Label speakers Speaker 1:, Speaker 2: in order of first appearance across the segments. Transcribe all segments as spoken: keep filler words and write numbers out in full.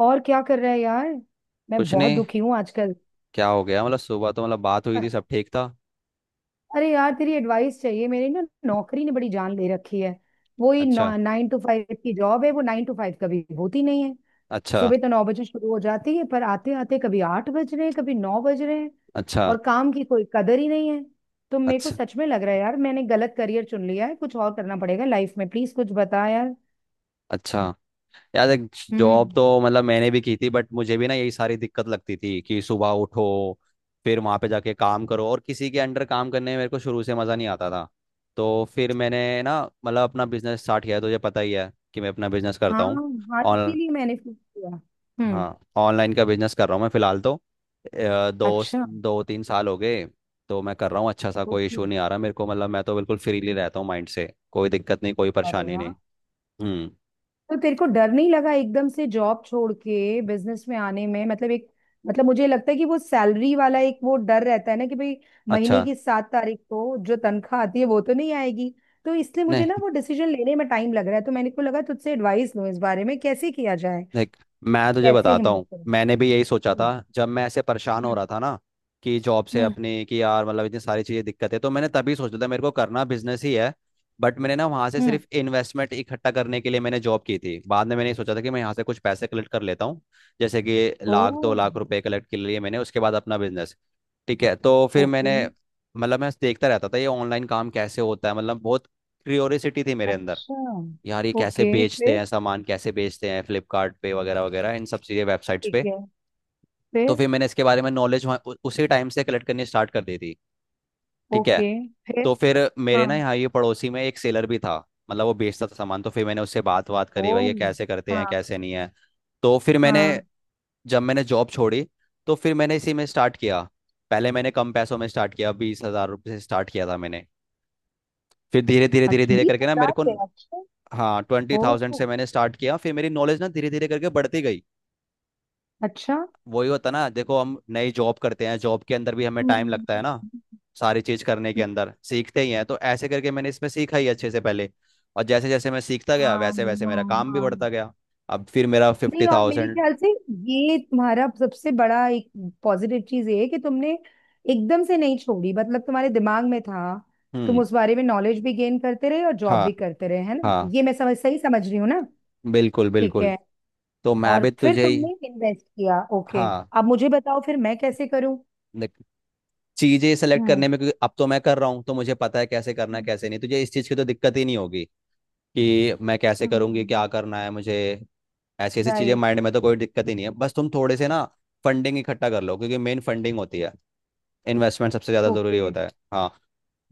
Speaker 1: और क्या कर रहा है यार। मैं
Speaker 2: कुछ
Speaker 1: बहुत
Speaker 2: नहीं।
Speaker 1: दुखी हूँ आजकल।
Speaker 2: क्या हो गया? मतलब सुबह तो मतलब बात हुई थी,
Speaker 1: अ-
Speaker 2: सब ठीक था।
Speaker 1: अरे यार तेरी एडवाइस चाहिए मेरी ना। नौकरी ने बड़ी जान ले रखी है। वही
Speaker 2: अच्छा।
Speaker 1: नाइन टू फाइव की जॉब है, वो नाइन टू फाइव कभी होती नहीं है।
Speaker 2: अच्छा।
Speaker 1: सुबह तो नौ बजे शुरू हो जाती है, पर आते आते कभी आठ बज रहे हैं कभी नौ बज रहे हैं।
Speaker 2: अच्छा।
Speaker 1: और काम की कोई कदर ही नहीं है। तो मेरे को
Speaker 2: अच्छा।
Speaker 1: सच में लग रहा है यार, मैंने गलत करियर चुन लिया है, कुछ और करना पड़ेगा लाइफ में। प्लीज कुछ बता यार।
Speaker 2: अच्छा। यार, एक जॉब
Speaker 1: हम्म।
Speaker 2: तो मतलब मैंने भी की थी, बट मुझे भी ना यही सारी दिक्कत लगती थी कि सुबह उठो, फिर वहां पे जाके काम करो, और किसी के अंडर काम करने में मेरे को शुरू से मज़ा नहीं आता था। तो फिर मैंने ना मतलब अपना बिजनेस स्टार्ट किया, तो ये पता ही है कि मैं अपना बिजनेस करता
Speaker 1: हाँ,
Speaker 2: हूँ।
Speaker 1: हाँ इसीलिए मैंने फोन किया। हम्म।
Speaker 2: हाँ, ऑनलाइन का बिजनेस कर रहा हूँ मैं फिलहाल तो अ, दो
Speaker 1: अच्छा।
Speaker 2: दो तीन साल हो गए। तो मैं कर रहा हूँ अच्छा सा, कोई
Speaker 1: ओके।
Speaker 2: इशू नहीं आ रहा मेरे को, मतलब मैं तो बिल्कुल फ्रीली रहता हूँ, माइंड से कोई दिक्कत नहीं, कोई
Speaker 1: अरे
Speaker 2: परेशानी
Speaker 1: वाह।
Speaker 2: नहीं। हम्म।
Speaker 1: तो तेरे को डर नहीं लगा एकदम से जॉब छोड़ के बिजनेस में आने में? मतलब एक, मतलब मुझे लगता है कि वो सैलरी वाला एक वो डर रहता है ना कि भाई महीने
Speaker 2: अच्छा।
Speaker 1: की सात तारीख को जो तनख्वाह आती है वो तो नहीं आएगी। तो इसलिए मुझे ना
Speaker 2: नहीं,
Speaker 1: वो डिसीजन लेने में टाइम लग रहा है, तो मैंने को लगा तुझसे एडवाइस लूं इस बारे में कैसे किया जाए,
Speaker 2: देख, मैं तुझे
Speaker 1: कैसे
Speaker 2: बताता
Speaker 1: हिम्मत
Speaker 2: हूँ,
Speaker 1: करूं।
Speaker 2: मैंने भी यही सोचा था।
Speaker 1: हम्म।
Speaker 2: जब मैं ऐसे परेशान हो
Speaker 1: हम्म।
Speaker 2: रहा था ना कि जॉब से
Speaker 1: हम्म।
Speaker 2: अपने, कि यार मतलब इतनी सारी चीज़ें दिक्कत है, तो मैंने तभी सोचा था मेरे को करना बिजनेस ही है। बट मैंने ना वहाँ से
Speaker 1: हम्म।
Speaker 2: सिर्फ इन्वेस्टमेंट इकट्ठा करने के लिए मैंने जॉब की थी, बाद में मैंने ये सोचा था कि मैं यहाँ से कुछ पैसे कलेक्ट कर लेता हूँ। जैसे कि लाख दो
Speaker 1: ओ।
Speaker 2: लाख रुपए कलेक्ट के लिए मैंने, उसके बाद अपना बिजनेस। ठीक है, तो फिर
Speaker 1: ओके।
Speaker 2: मैंने मतलब मैं देखता रहता था ये ऑनलाइन काम कैसे होता है, मतलब बहुत क्यूरियोसिटी थी मेरे अंदर,
Speaker 1: अच्छा।
Speaker 2: यार ये कैसे
Speaker 1: ओके
Speaker 2: बेचते
Speaker 1: फिर।
Speaker 2: हैं सामान, कैसे बेचते हैं फ्लिपकार्ट पे वगैरह वगैरह इन सब चीज़ें वेबसाइट्स
Speaker 1: ठीक
Speaker 2: पे।
Speaker 1: है।
Speaker 2: तो
Speaker 1: फिर।
Speaker 2: फिर मैंने इसके बारे में नॉलेज उसी टाइम से कलेक्ट करनी स्टार्ट कर दी थी। ठीक है,
Speaker 1: ओके फिर।
Speaker 2: तो फिर मेरे ना
Speaker 1: हाँ।
Speaker 2: यहाँ ये पड़ोसी में एक सेलर भी था, मतलब वो बेचता था सामान। तो फिर मैंने उससे बात बात
Speaker 1: ओ।
Speaker 2: करी, भाई ये कैसे करते हैं,
Speaker 1: हाँ।
Speaker 2: कैसे नहीं है। तो फिर मैंने
Speaker 1: हाँ।
Speaker 2: जब मैंने जॉब छोड़ी, तो फिर मैंने इसी में स्टार्ट किया। पहले मैंने कम पैसों में स्टार्ट किया, बीस हजार रुपये से स्टार्ट किया था मैंने। फिर धीरे धीरे धीरे
Speaker 1: अच्छा,
Speaker 2: धीरे करके ना मेरे
Speaker 1: बीस हज़ार
Speaker 2: को,
Speaker 1: पे? अच्छे।
Speaker 2: हाँ, ट्वेंटी थाउजेंड
Speaker 1: ओ।
Speaker 2: से मैंने स्टार्ट किया, फिर मेरी नॉलेज ना धीरे धीरे करके बढ़ती गई।
Speaker 1: अच्छा।
Speaker 2: वही होता ना, देखो हम नई जॉब करते हैं, जॉब के अंदर भी हमें टाइम लगता
Speaker 1: हम्म।
Speaker 2: है ना, सारी चीज करने के अंदर सीखते ही हैं। तो ऐसे करके मैंने इसमें सीखा ही अच्छे से पहले, और जैसे जैसे मैं सीखता गया
Speaker 1: हाँ।
Speaker 2: वैसे वैसे मेरा
Speaker 1: हाँ।
Speaker 2: काम भी
Speaker 1: हाँ
Speaker 2: बढ़ता गया। अब फिर मेरा फिफ्टी
Speaker 1: नहीं, और मेरे
Speaker 2: थाउजेंड
Speaker 1: ख्याल से ये तुम्हारा सबसे बड़ा एक पॉजिटिव चीज ये है कि तुमने एकदम से नहीं छोड़ी, मतलब तुम्हारे दिमाग में था। तुम
Speaker 2: हम्म।
Speaker 1: उस बारे में नॉलेज भी गेन करते रहे और जॉब
Speaker 2: हाँ।
Speaker 1: भी करते रहे, है ना?
Speaker 2: हाँ,
Speaker 1: ये मैं समझ सही समझ रही हूँ ना?
Speaker 2: बिल्कुल
Speaker 1: ठीक
Speaker 2: बिल्कुल।
Speaker 1: है।
Speaker 2: तो मैं
Speaker 1: और
Speaker 2: भी
Speaker 1: फिर
Speaker 2: तुझे ही।
Speaker 1: तुमने इन्वेस्ट किया। ओके।
Speaker 2: हाँ,
Speaker 1: अब मुझे बताओ फिर मैं कैसे करूँ।
Speaker 2: देख, चीजें सेलेक्ट
Speaker 1: हम्म।
Speaker 2: करने में, क्योंकि अब तो मैं कर रहा हूँ तो मुझे पता है कैसे करना है
Speaker 1: हम्म।
Speaker 2: कैसे नहीं, तुझे इस चीज की तो दिक्कत ही नहीं होगी कि मैं कैसे करूँगी
Speaker 1: हम्म।
Speaker 2: क्या करना है मुझे। ऐसी ऐसी चीज़ें
Speaker 1: राइट।
Speaker 2: माइंड में तो कोई दिक्कत ही नहीं है, बस तुम थोड़े से ना फंडिंग इकट्ठा कर लो, क्योंकि मेन फंडिंग होती है, इन्वेस्टमेंट सबसे ज़्यादा ज़रूरी
Speaker 1: ओके।
Speaker 2: होता है। हाँ,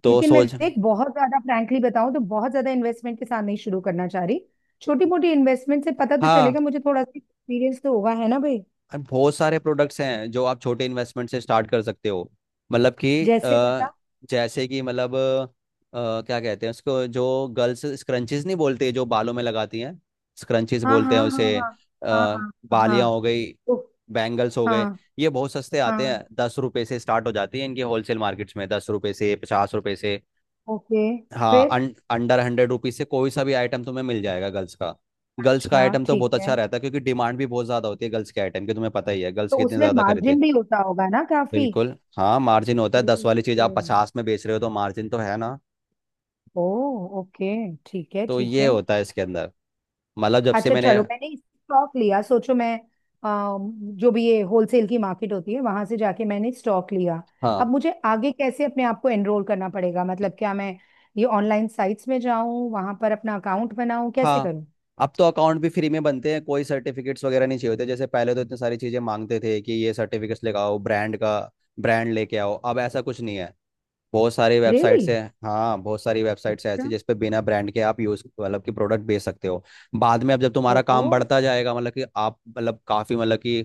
Speaker 2: तो
Speaker 1: लेकिन मैं
Speaker 2: सोच।
Speaker 1: देख, बहुत ज्यादा फ्रैंकली बताऊं तो बहुत ज्यादा इन्वेस्टमेंट के साथ नहीं शुरू करना चाह रही। छोटी मोटी इन्वेस्टमेंट से पता तो
Speaker 2: हाँ,
Speaker 1: चलेगा मुझे, थोड़ा सा एक्सपीरियंस तो होगा, है ना भाई?
Speaker 2: और बहुत सारे प्रोडक्ट्स हैं जो आप छोटे इन्वेस्टमेंट से स्टार्ट कर सकते हो। मतलब कि
Speaker 1: जैसे
Speaker 2: अ,
Speaker 1: बता।
Speaker 2: जैसे कि मतलब अ, क्या कहते हैं उसको, जो गर्ल्स स्क्रंचीज, नहीं बोलते जो बालों में लगाती हैं, स्क्रंचीज
Speaker 1: हाँ
Speaker 2: बोलते हैं
Speaker 1: हाँ हाँ।
Speaker 2: उसे।
Speaker 1: हाँ हाँ
Speaker 2: आ,
Speaker 1: हाँ
Speaker 2: बालियाँ
Speaker 1: हाँ।
Speaker 2: हो गई,
Speaker 1: ओ।
Speaker 2: बैंगल्स हो गए।
Speaker 1: हाँ।
Speaker 2: ये बहुत सस्ते आते हैं,
Speaker 1: हाँ।
Speaker 2: दस रुपए से स्टार्ट हो जाती है इनकी होलसेल मार्केट्स में, दस रुपए से पचास रुपए से।
Speaker 1: ओके
Speaker 2: हाँ,
Speaker 1: फिर।
Speaker 2: अन, अंडर हंड्रेड रुपीज से कोई सा भी आइटम तुम्हें मिल जाएगा गर्ल्स का। गर्ल्स का
Speaker 1: अच्छा
Speaker 2: आइटम तो
Speaker 1: ठीक
Speaker 2: बहुत अच्छा
Speaker 1: है।
Speaker 2: रहता है, क्योंकि डिमांड भी बहुत ज्यादा होती है गर्ल्स के आइटम की, तुम्हें पता ही है गर्ल्स
Speaker 1: तो
Speaker 2: कितने
Speaker 1: उसमें
Speaker 2: ज्यादा खरीदते
Speaker 1: मार्जिन
Speaker 2: हैं।
Speaker 1: भी होता होगा ना काफी?
Speaker 2: बिल्कुल हाँ, मार्जिन होता है, दस वाली चीज
Speaker 1: ओके।
Speaker 2: आप पचास में बेच रहे हो तो मार्जिन तो है ना।
Speaker 1: ओ। ओके। ठीक है
Speaker 2: तो
Speaker 1: ठीक
Speaker 2: ये
Speaker 1: है।
Speaker 2: होता है इसके अंदर। मतलब जब से
Speaker 1: अच्छा
Speaker 2: मैंने।
Speaker 1: चलो, मैंने स्टॉक लिया सोचो मैं, अम, जो भी ये होलसेल की मार्केट होती है वहां से जाके मैंने स्टॉक लिया।
Speaker 2: हाँ।
Speaker 1: अब मुझे आगे कैसे अपने आप को एनरोल करना पड़ेगा, मतलब क्या मैं ये ऑनलाइन साइट्स में जाऊं, वहां पर अपना अकाउंट बनाऊं, कैसे
Speaker 2: हाँ,
Speaker 1: करूं?
Speaker 2: अब तो अकाउंट भी फ्री में बनते हैं, कोई सर्टिफिकेट्स वगैरह नहीं चाहिए होते, जैसे पहले तो इतनी सारी चीजें मांगते थे कि ये सर्टिफिकेट्स लेके आओ, ब्रांड का ब्रांड लेके आओ। अब ऐसा कुछ नहीं है, बहुत सारी
Speaker 1: रियली?
Speaker 2: वेबसाइट्स है। हाँ, बहुत सारी वेबसाइट्स है
Speaker 1: अच्छा।
Speaker 2: ऐसी जिस पे बिना ब्रांड के आप यूज मतलब कि प्रोडक्ट बेच सकते हो। बाद में अब जब
Speaker 1: ओ।
Speaker 2: तुम्हारा काम बढ़ता जाएगा, मतलब कि आप मतलब काफी मतलब कि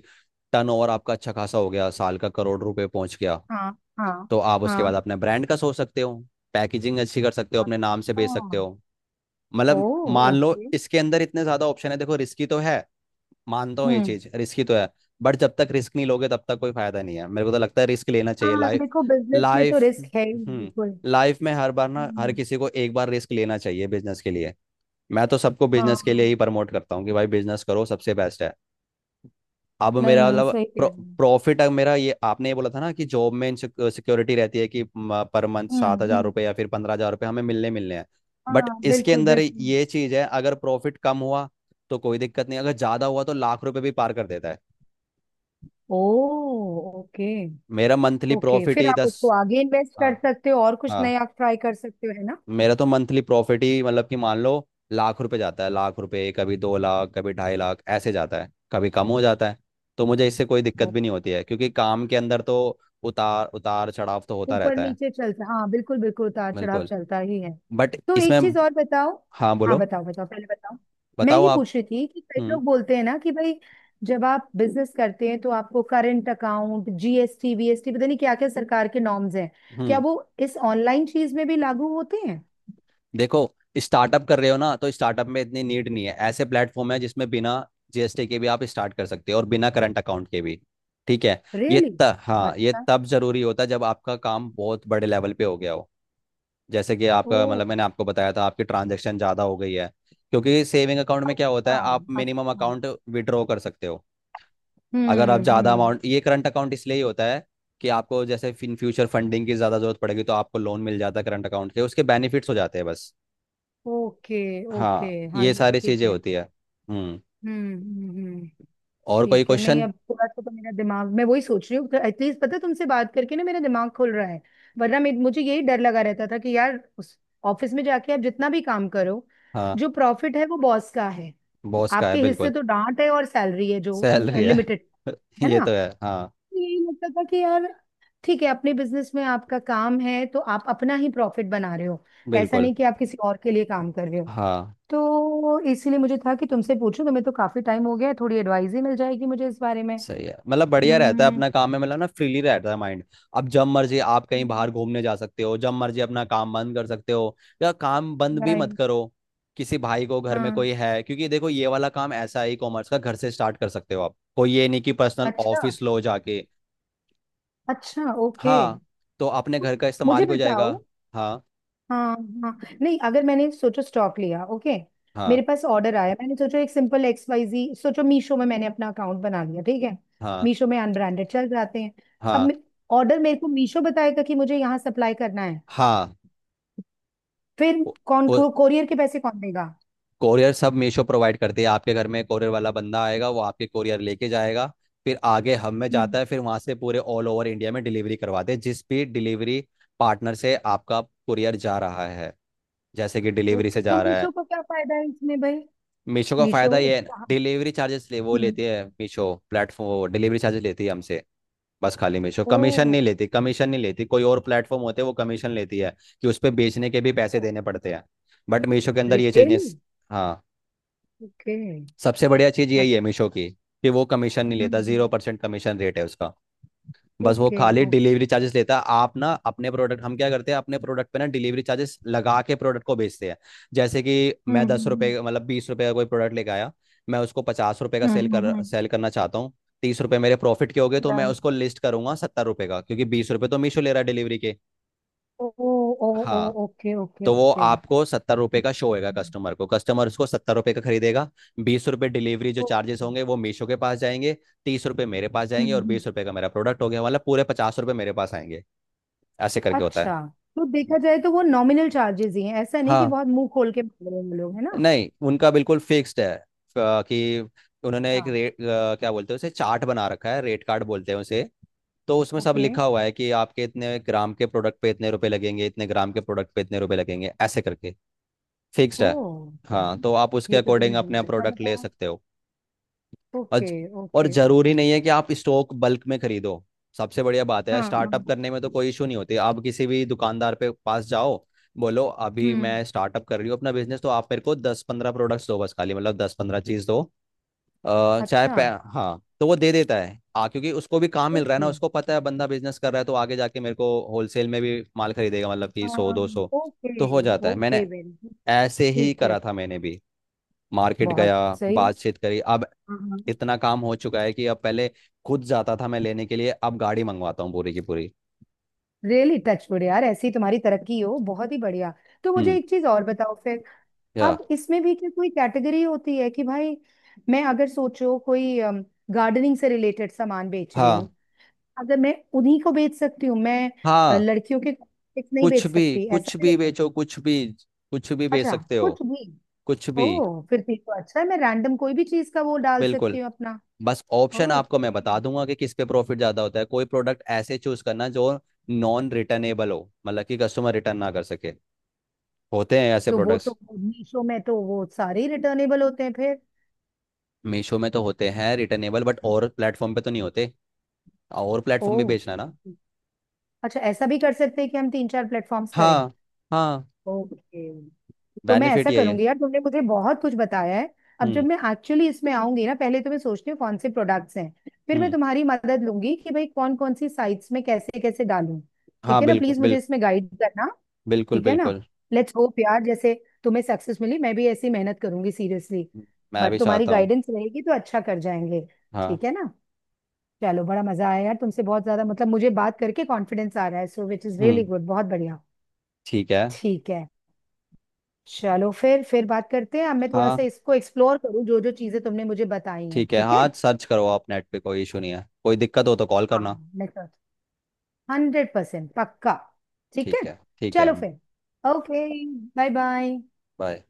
Speaker 2: टर्न ओवर आपका अच्छा खासा हो गया, साल का करोड़ रुपए पहुंच गया,
Speaker 1: हाँ हाँ
Speaker 2: तो आप उसके बाद
Speaker 1: हाँ।
Speaker 2: अपने ब्रांड का सोच सकते हो, पैकेजिंग अच्छी कर सकते हो, अपने नाम से
Speaker 1: अच्छा।
Speaker 2: बेच सकते हो।
Speaker 1: ओ।
Speaker 2: मतलब मान लो
Speaker 1: ओके।
Speaker 2: इसके अंदर इतने ज्यादा ऑप्शन है। देखो, रिस्की तो है, मानता हूँ ये
Speaker 1: हम्म।
Speaker 2: चीज रिस्की तो है, बट जब तक रिस्क नहीं लोगे तब तक कोई फायदा नहीं है। मेरे को तो लगता है रिस्क लेना चाहिए।
Speaker 1: हाँ देखो, बिजनेस में तो
Speaker 2: लाइफ
Speaker 1: रिस्क है ही
Speaker 2: हम्म
Speaker 1: बिल्कुल।
Speaker 2: लाइफ में हर बार ना हर
Speaker 1: हम्म।
Speaker 2: किसी को एक बार रिस्क लेना चाहिए बिजनेस के लिए। मैं तो सबको
Speaker 1: हाँ,
Speaker 2: बिजनेस के लिए ही प्रमोट करता हूँ कि भाई बिजनेस करो, सबसे बेस्ट है। अब
Speaker 1: नहीं
Speaker 2: मेरा
Speaker 1: नहीं
Speaker 2: मतलब
Speaker 1: सही कह रही हूँ।
Speaker 2: प्रॉफिट, अब मेरा ये आपने ये बोला था ना कि जॉब में सिक्योरिटी रहती है कि म- पर मंथ
Speaker 1: हम्म।
Speaker 2: सात हजार
Speaker 1: हम्म।
Speaker 2: रुपये या फिर पंद्रह हजार रुपये हमें मिलने मिलने हैं। बट
Speaker 1: हाँ
Speaker 2: इसके
Speaker 1: बिल्कुल
Speaker 2: अंदर
Speaker 1: बिल्कुल।
Speaker 2: ये चीज़ है, अगर प्रॉफिट कम हुआ तो कोई दिक्कत नहीं, अगर ज़्यादा हुआ तो लाख रुपये भी पार कर देता है।
Speaker 1: ओ। ओके।
Speaker 2: मेरा मंथली
Speaker 1: ओके
Speaker 2: प्रॉफिट
Speaker 1: फिर
Speaker 2: ही
Speaker 1: आप
Speaker 2: दस।
Speaker 1: उसको आगे इन्वेस्ट
Speaker 2: हाँ।
Speaker 1: कर सकते हो और कुछ
Speaker 2: हाँ,
Speaker 1: नया ट्राई कर सकते हो, है ना?
Speaker 2: मेरा तो मंथली प्रॉफिट ही मतलब कि मान लो लाख रुपए जाता है, लाख रुपए, कभी दो लाख, कभी ढाई लाख ऐसे जाता है, कभी कम हो जाता है। तो मुझे इससे कोई दिक्कत
Speaker 1: ओ-
Speaker 2: भी नहीं होती है, क्योंकि काम के अंदर तो उतार उतार चढ़ाव तो होता
Speaker 1: ऊपर
Speaker 2: रहता है।
Speaker 1: नीचे चलता, हाँ बिल्कुल बिल्कुल, उतार चढ़ाव
Speaker 2: बिल्कुल,
Speaker 1: चलता ही है।
Speaker 2: बट
Speaker 1: तो
Speaker 2: इसमें।
Speaker 1: एक चीज और बताओ।
Speaker 2: हाँ,
Speaker 1: हाँ
Speaker 2: बोलो।
Speaker 1: बताओ बताओ, पहले बताओ। मैं
Speaker 2: बताओ
Speaker 1: ये
Speaker 2: आप।
Speaker 1: पूछ रही थी कि कई
Speaker 2: हम्म।
Speaker 1: लोग बोलते हैं ना कि भाई जब आप बिजनेस करते हैं तो आपको करंट अकाउंट, जीएसटी, वीएसटी, पता नहीं क्या क्या सरकार के नॉर्म्स हैं, क्या
Speaker 2: हम्म।
Speaker 1: वो इस ऑनलाइन चीज में भी लागू होते हैं?
Speaker 2: देखो, स्टार्टअप कर रहे हो ना, तो स्टार्टअप में इतनी नीड नहीं है, ऐसे प्लेटफॉर्म है जिसमें बिना जीएसटी के भी आप स्टार्ट कर सकते हो और बिना करंट अकाउंट के भी। ठीक है। ये
Speaker 1: रियली?
Speaker 2: त, हाँ, ये
Speaker 1: अच्छा।
Speaker 2: तब जरूरी होता है जब आपका काम बहुत बड़े लेवल पे हो गया हो, जैसे कि
Speaker 1: ओ।
Speaker 2: आपका मतलब मैंने आपको बताया था आपकी ट्रांजैक्शन ज़्यादा हो गई है। क्योंकि सेविंग अकाउंट में क्या होता है, आप
Speaker 1: हाँ।
Speaker 2: मिनिमम
Speaker 1: अच्छा।
Speaker 2: अकाउंट विड्रॉ कर सकते हो, अगर आप
Speaker 1: हम्म।
Speaker 2: ज़्यादा
Speaker 1: हम्म।
Speaker 2: अमाउंट, ये करंट अकाउंट इसलिए ही होता है कि आपको जैसे इन फ्यूचर फंडिंग की ज़्यादा ज़रूरत पड़ेगी तो आपको लोन मिल जाता है करंट अकाउंट के, उसके बेनिफिट्स हो जाते हैं बस।
Speaker 1: ओके। ओके।
Speaker 2: हाँ,
Speaker 1: हाँ
Speaker 2: ये
Speaker 1: ये भी
Speaker 2: सारी
Speaker 1: ठीक
Speaker 2: चीज़ें
Speaker 1: है।
Speaker 2: होती है। हम्म,
Speaker 1: हम्म। हम्म। हम्म।
Speaker 2: और कोई
Speaker 1: ठीक है। नहीं,
Speaker 2: क्वेश्चन?
Speaker 1: अब थोड़ा सा तो मेरा दिमाग, मैं वही सोच रही हूँ, एटलीस्ट पता है, तुमसे बात करके ना मेरा दिमाग खुल रहा है। वरना मे- मुझे यही डर लगा रहता था कि यार उस ऑफिस में जाके आप जितना भी काम करो,
Speaker 2: हाँ,
Speaker 1: जो प्रॉफिट है वो बॉस का है।
Speaker 2: बॉस का है
Speaker 1: आपके हिस्से
Speaker 2: बिल्कुल।
Speaker 1: तो डांट है और सैलरी है जो
Speaker 2: सैलरी है।
Speaker 1: लिमिटेड, है
Speaker 2: ये तो
Speaker 1: ना?
Speaker 2: है हाँ।
Speaker 1: तो यही लगता था कि यार ठीक है, अपने बिजनेस में आपका काम है तो आप अपना ही प्रॉफिट बना रहे हो, ऐसा
Speaker 2: बिल्कुल
Speaker 1: नहीं कि आप किसी और के लिए काम कर रहे हो।
Speaker 2: हाँ।
Speaker 1: तो इसीलिए मुझे था कि तुमसे पूछूं, तुम्हें तो काफी टाइम हो गया है, थोड़ी एडवाइस ही मिल जाएगी मुझे इस बारे में।
Speaker 2: सही है, मतलब बढ़िया रहता है,
Speaker 1: हम्म।
Speaker 2: अपना काम में मतलब ना फ्रीली रहता है माइंड। अब जब मर्जी आप कहीं बाहर घूमने जा सकते हो, जब मर्जी अपना काम बंद कर सकते हो, या काम बंद भी मत
Speaker 1: राइट।
Speaker 2: करो, किसी भाई को घर में
Speaker 1: हाँ।
Speaker 2: कोई है, क्योंकि देखो ये वाला काम ऐसा है, ई कॉमर्स का, घर से स्टार्ट कर सकते हो आप, कोई ये नहीं कि पर्सनल
Speaker 1: अच्छा।
Speaker 2: ऑफिस लो जाके।
Speaker 1: अच्छा। ओके।
Speaker 2: हाँ, तो अपने घर का इस्तेमाल
Speaker 1: मुझे
Speaker 2: भी हो जाएगा।
Speaker 1: बताओ।
Speaker 2: हाँ।
Speaker 1: हाँ। हाँ नहीं, अगर मैंने सोचो स्टॉक लिया, ओके,
Speaker 2: हाँ।
Speaker 1: मेरे पास ऑर्डर आया, मैंने सोचो एक सिंपल एक्स वाई जी, सोचो मीशो में मैंने अपना अकाउंट बना लिया, ठीक है,
Speaker 2: हाँ।
Speaker 1: मीशो में अनब्रांडेड चल जाते हैं।
Speaker 2: हाँ।
Speaker 1: अब ऑर्डर मेरे को मीशो बताएगा कि मुझे यहाँ सप्लाई करना है।
Speaker 2: हाँ।
Speaker 1: फिर कौन को, कोरियर के पैसे कौन देगा?
Speaker 2: कोरियर सब मीशो प्रोवाइड करती है, आपके घर में कोरियर वाला बंदा आएगा, वो आपके कोरियर लेके जाएगा। फिर आगे हम में
Speaker 1: हम्म।
Speaker 2: जाता है, फिर वहां से पूरे ऑल ओवर इंडिया में डिलीवरी करवाते हैं, जिस भी डिलीवरी पार्टनर से आपका कुरियर जा रहा है, जैसे कि डिलीवरी
Speaker 1: ओके,
Speaker 2: से
Speaker 1: तो
Speaker 2: जा रहा है।
Speaker 1: मीशो को क्या फायदा है इसमें भाई?
Speaker 2: मीशो का
Speaker 1: मीशो
Speaker 2: फायदा ये है,
Speaker 1: कहाँ-
Speaker 2: डिलीवरी चार्जेस ले, वो
Speaker 1: हम्म।
Speaker 2: लेती है, मीशो प्लेटफॉर्म डिलीवरी चार्जेस लेती है हमसे। बस खाली मीशो कमीशन
Speaker 1: ओ।
Speaker 2: नहीं लेती, कमीशन नहीं लेती, कोई और प्लेटफॉर्म होते हैं वो कमीशन लेती है कि उस पर बेचने के भी पैसे देने पड़ते हैं, बट मीशो के अंदर ये चीज़ नहीं।
Speaker 1: रियली?
Speaker 2: हाँ,
Speaker 1: ओके।
Speaker 2: सबसे बढ़िया चीज यही
Speaker 1: अच्छा।
Speaker 2: है मीशो की, कि वो कमीशन नहीं लेता,
Speaker 1: हम्म।
Speaker 2: जीरो परसेंट कमीशन रेट है उसका। बस वो
Speaker 1: ओके।
Speaker 2: खाली
Speaker 1: ओके।
Speaker 2: डिलीवरी चार्जेस लेता है। आप ना अपने प्रोडक्ट, हम क्या करते हैं अपने प्रोडक्ट पे ना डिलीवरी चार्जेस लगा के प्रोडक्ट को बेचते हैं। जैसे कि मैं
Speaker 1: हम्म
Speaker 2: दस
Speaker 1: हम्म
Speaker 2: रुपये मतलब बीस रुपये का कोई प्रोडक्ट लेके आया, मैं उसको पचास रुपये का सेल
Speaker 1: हम्म
Speaker 2: कर
Speaker 1: हम्म
Speaker 2: सेल करना चाहता हूँ, तीस रुपये मेरे प्रॉफिट के हो गए, तो मैं
Speaker 1: हम्म।
Speaker 2: उसको लिस्ट करूंगा सत्तर रुपये का, क्योंकि बीस रुपये तो मीशो ले रहा है डिलीवरी के।
Speaker 1: ओ। ओ। ओ।
Speaker 2: हाँ,
Speaker 1: ओके ओके
Speaker 2: तो वो
Speaker 1: ओके। हम्म।
Speaker 2: आपको सत्तर रुपए का शो होएगा कस्टमर को, कस्टमर उसको सत्तर रुपए का खरीदेगा। बीस रुपए डिलीवरी जो चार्जेस
Speaker 1: ओके। हम्म।
Speaker 2: होंगे वो मीशो के पास जाएंगे, तीस रुपए मेरे पास जाएंगे, और
Speaker 1: हम्म।
Speaker 2: बीस रुपए का मेरा प्रोडक्ट हो गया, मतलब पूरे पचास रुपए मेरे पास आएंगे। ऐसे करके होता है।
Speaker 1: अच्छा तो देखा जाए तो वो नॉमिनल चार्जेस ही हैं, ऐसा नहीं कि
Speaker 2: हाँ,
Speaker 1: बहुत मुंह खोल के बोल रहे हैं लोग, है ना?
Speaker 2: नहीं, उनका बिल्कुल फिक्स्ड है, क- कि उन्होंने एक
Speaker 1: हाँ।
Speaker 2: रेट, क्या बोलते हैं उसे, चार्ट बना रखा है, रेट कार्ड बोलते हैं उसे। तो उसमें सब
Speaker 1: ओके।
Speaker 2: लिखा हुआ है कि आपके इतने ग्राम के प्रोडक्ट पे इतने रुपए लगेंगे, इतने ग्राम के प्रोडक्ट पे इतने रुपए लगेंगे, ऐसे करके फिक्स्ड
Speaker 1: ओ।
Speaker 2: है। हाँ,
Speaker 1: चलो,
Speaker 2: तो आप उसके
Speaker 1: ये तो
Speaker 2: अकॉर्डिंग
Speaker 1: तुमने
Speaker 2: अपने
Speaker 1: बहुत अच्छा
Speaker 2: प्रोडक्ट ले
Speaker 1: बताया।
Speaker 2: सकते हो। और
Speaker 1: ओके
Speaker 2: और
Speaker 1: ओके
Speaker 2: जरूरी
Speaker 1: ओके।
Speaker 2: नहीं है कि आप स्टॉक बल्क में खरीदो, सबसे बढ़िया बात है,
Speaker 1: हाँ। हाँ।
Speaker 2: स्टार्टअप करने में तो कोई इशू नहीं होती, आप किसी भी दुकानदार पे पास जाओ, बोलो अभी
Speaker 1: हम्म।
Speaker 2: मैं स्टार्टअप कर रही हूँ अपना बिजनेस, तो आप मेरे को दस पंद्रह प्रोडक्ट्स दो बस खाली, मतलब दस पंद्रह चीज दो। अ, चाहे
Speaker 1: अच्छा।
Speaker 2: पै- हाँ, तो वो दे देता है आ क्योंकि उसको भी काम मिल रहा है ना,
Speaker 1: ओके।
Speaker 2: उसको पता है बंदा बिजनेस कर रहा है तो आगे जाके मेरे को होलसेल में भी माल खरीदेगा मतलब कि सौ
Speaker 1: हाँ।
Speaker 2: दो सौ
Speaker 1: ओके
Speaker 2: तो हो जाता है। मैंने
Speaker 1: ओके वेरी गुड।
Speaker 2: ऐसे ही
Speaker 1: ठीक है।
Speaker 2: करा था मैंने भी। मार्केट
Speaker 1: बहुत
Speaker 2: गया,
Speaker 1: सही।
Speaker 2: बातचीत करी, अब इतना काम हो चुका है कि अब पहले खुद जाता था मैं लेने के लिए, अब गाड़ी मंगवाता हूँ पूरी की पूरी।
Speaker 1: रियली टचवुड यार, ऐसी तुम्हारी तरक्की हो, बहुत ही बढ़िया। तो मुझे
Speaker 2: हम्म।
Speaker 1: एक चीज और बताओ फिर।
Speaker 2: या।
Speaker 1: अब इसमें भी क्या कोई कैटेगरी होती है, कि भाई मैं अगर सोचो कोई गार्डनिंग से रिलेटेड सामान बेच रही हूँ,
Speaker 2: हाँ।
Speaker 1: अगर मैं उन्हीं को बेच सकती हूँ मैं, अ,
Speaker 2: हाँ।
Speaker 1: लड़कियों के कॉस्मेटिक्स नहीं
Speaker 2: कुछ
Speaker 1: बेच
Speaker 2: भी,
Speaker 1: सकती, ऐसा
Speaker 2: कुछ
Speaker 1: भी
Speaker 2: भी
Speaker 1: होता
Speaker 2: बेचो, कुछ भी, कुछ भी
Speaker 1: है?
Speaker 2: बेच
Speaker 1: अच्छा,
Speaker 2: सकते हो,
Speaker 1: कुछ भी?
Speaker 2: कुछ भी।
Speaker 1: ओ। फिर ठीक, तो अच्छा है, मैं रैंडम कोई भी चीज का वो डाल
Speaker 2: बिल्कुल,
Speaker 1: सकती हूँ अपना।
Speaker 2: बस ऑप्शन आपको
Speaker 1: ओके।
Speaker 2: मैं बता दूंगा कि किस पे प्रॉफिट ज्यादा होता है। कोई प्रोडक्ट ऐसे चूज करना जो नॉन रिटर्नेबल हो, मतलब कि कस्टमर रिटर्न ना कर सके, होते हैं ऐसे
Speaker 1: तो वो
Speaker 2: प्रोडक्ट्स।
Speaker 1: तो मीशो में तो वो सारे ही रिटर्नेबल होते हैं फिर।
Speaker 2: मीशो में तो होते हैं रिटर्नेबल, बट और प्लेटफॉर्म पे तो नहीं होते, और
Speaker 1: ओ।
Speaker 2: प्लेटफॉर्म पे बेचना ना।
Speaker 1: अच्छा, ऐसा भी कर सकते हैं कि हम तीन चार प्लेटफॉर्म्स करें?
Speaker 2: हाँ। हाँ,
Speaker 1: ओके। तो मैं
Speaker 2: बेनिफिट
Speaker 1: ऐसा
Speaker 2: यही है।
Speaker 1: करूंगी यार, तुमने मुझे बहुत कुछ बताया है। अब जब
Speaker 2: हम्म।
Speaker 1: मैं एक्चुअली इसमें आऊंगी ना, पहले तो मैं सोचती हूँ कौन से प्रोडक्ट्स हैं, फिर मैं
Speaker 2: हम्म।
Speaker 1: तुम्हारी मदद लूंगी कि भाई कौन कौन सी साइट्स में कैसे कैसे डालूं।
Speaker 2: हाँ,
Speaker 1: ठीक है ना,
Speaker 2: बिल्कुल
Speaker 1: प्लीज मुझे
Speaker 2: बिल्कुल,
Speaker 1: इसमें गाइड करना।
Speaker 2: बिल्कुल
Speaker 1: ठीक है ना?
Speaker 2: बिल्कुल।
Speaker 1: लेट्स होप यार, जैसे तुम्हें सक्सेस मिली, मैं भी ऐसी मेहनत करूंगी सीरियसली,
Speaker 2: मैं
Speaker 1: बट
Speaker 2: भी
Speaker 1: तुम्हारी
Speaker 2: चाहता हूँ।
Speaker 1: गाइडेंस रहेगी तो अच्छा कर जाएंगे।
Speaker 2: हाँ।
Speaker 1: ठीक है ना? चलो, बड़ा मजा आया यार, तुमसे बहुत ज्यादा मतलब मुझे बात करके कॉन्फिडेंस आ रहा है, so which is
Speaker 2: hmm.
Speaker 1: Really good, बहुत बढ़िया।
Speaker 2: ठीक है।
Speaker 1: ठीक है। चलो फिर फिर बात करते हैं। अब मैं थोड़ा सा
Speaker 2: हाँ।
Speaker 1: इसको एक्सप्लोर करूँ, जो जो चीजें तुमने मुझे बताई हैं।
Speaker 2: ठीक है,
Speaker 1: ठीक है।
Speaker 2: हाँ सर्च करो आप नेट पे, कोई इशू नहीं है, कोई दिक्कत हो तो कॉल
Speaker 1: हाँ
Speaker 2: करना।
Speaker 1: मैं कर, हंड्रेड परसेंट पक्का। ठीक है।
Speaker 2: ठीक है, ठीक है।
Speaker 1: चलो फिर। ओके। Bye bye.
Speaker 2: बाय।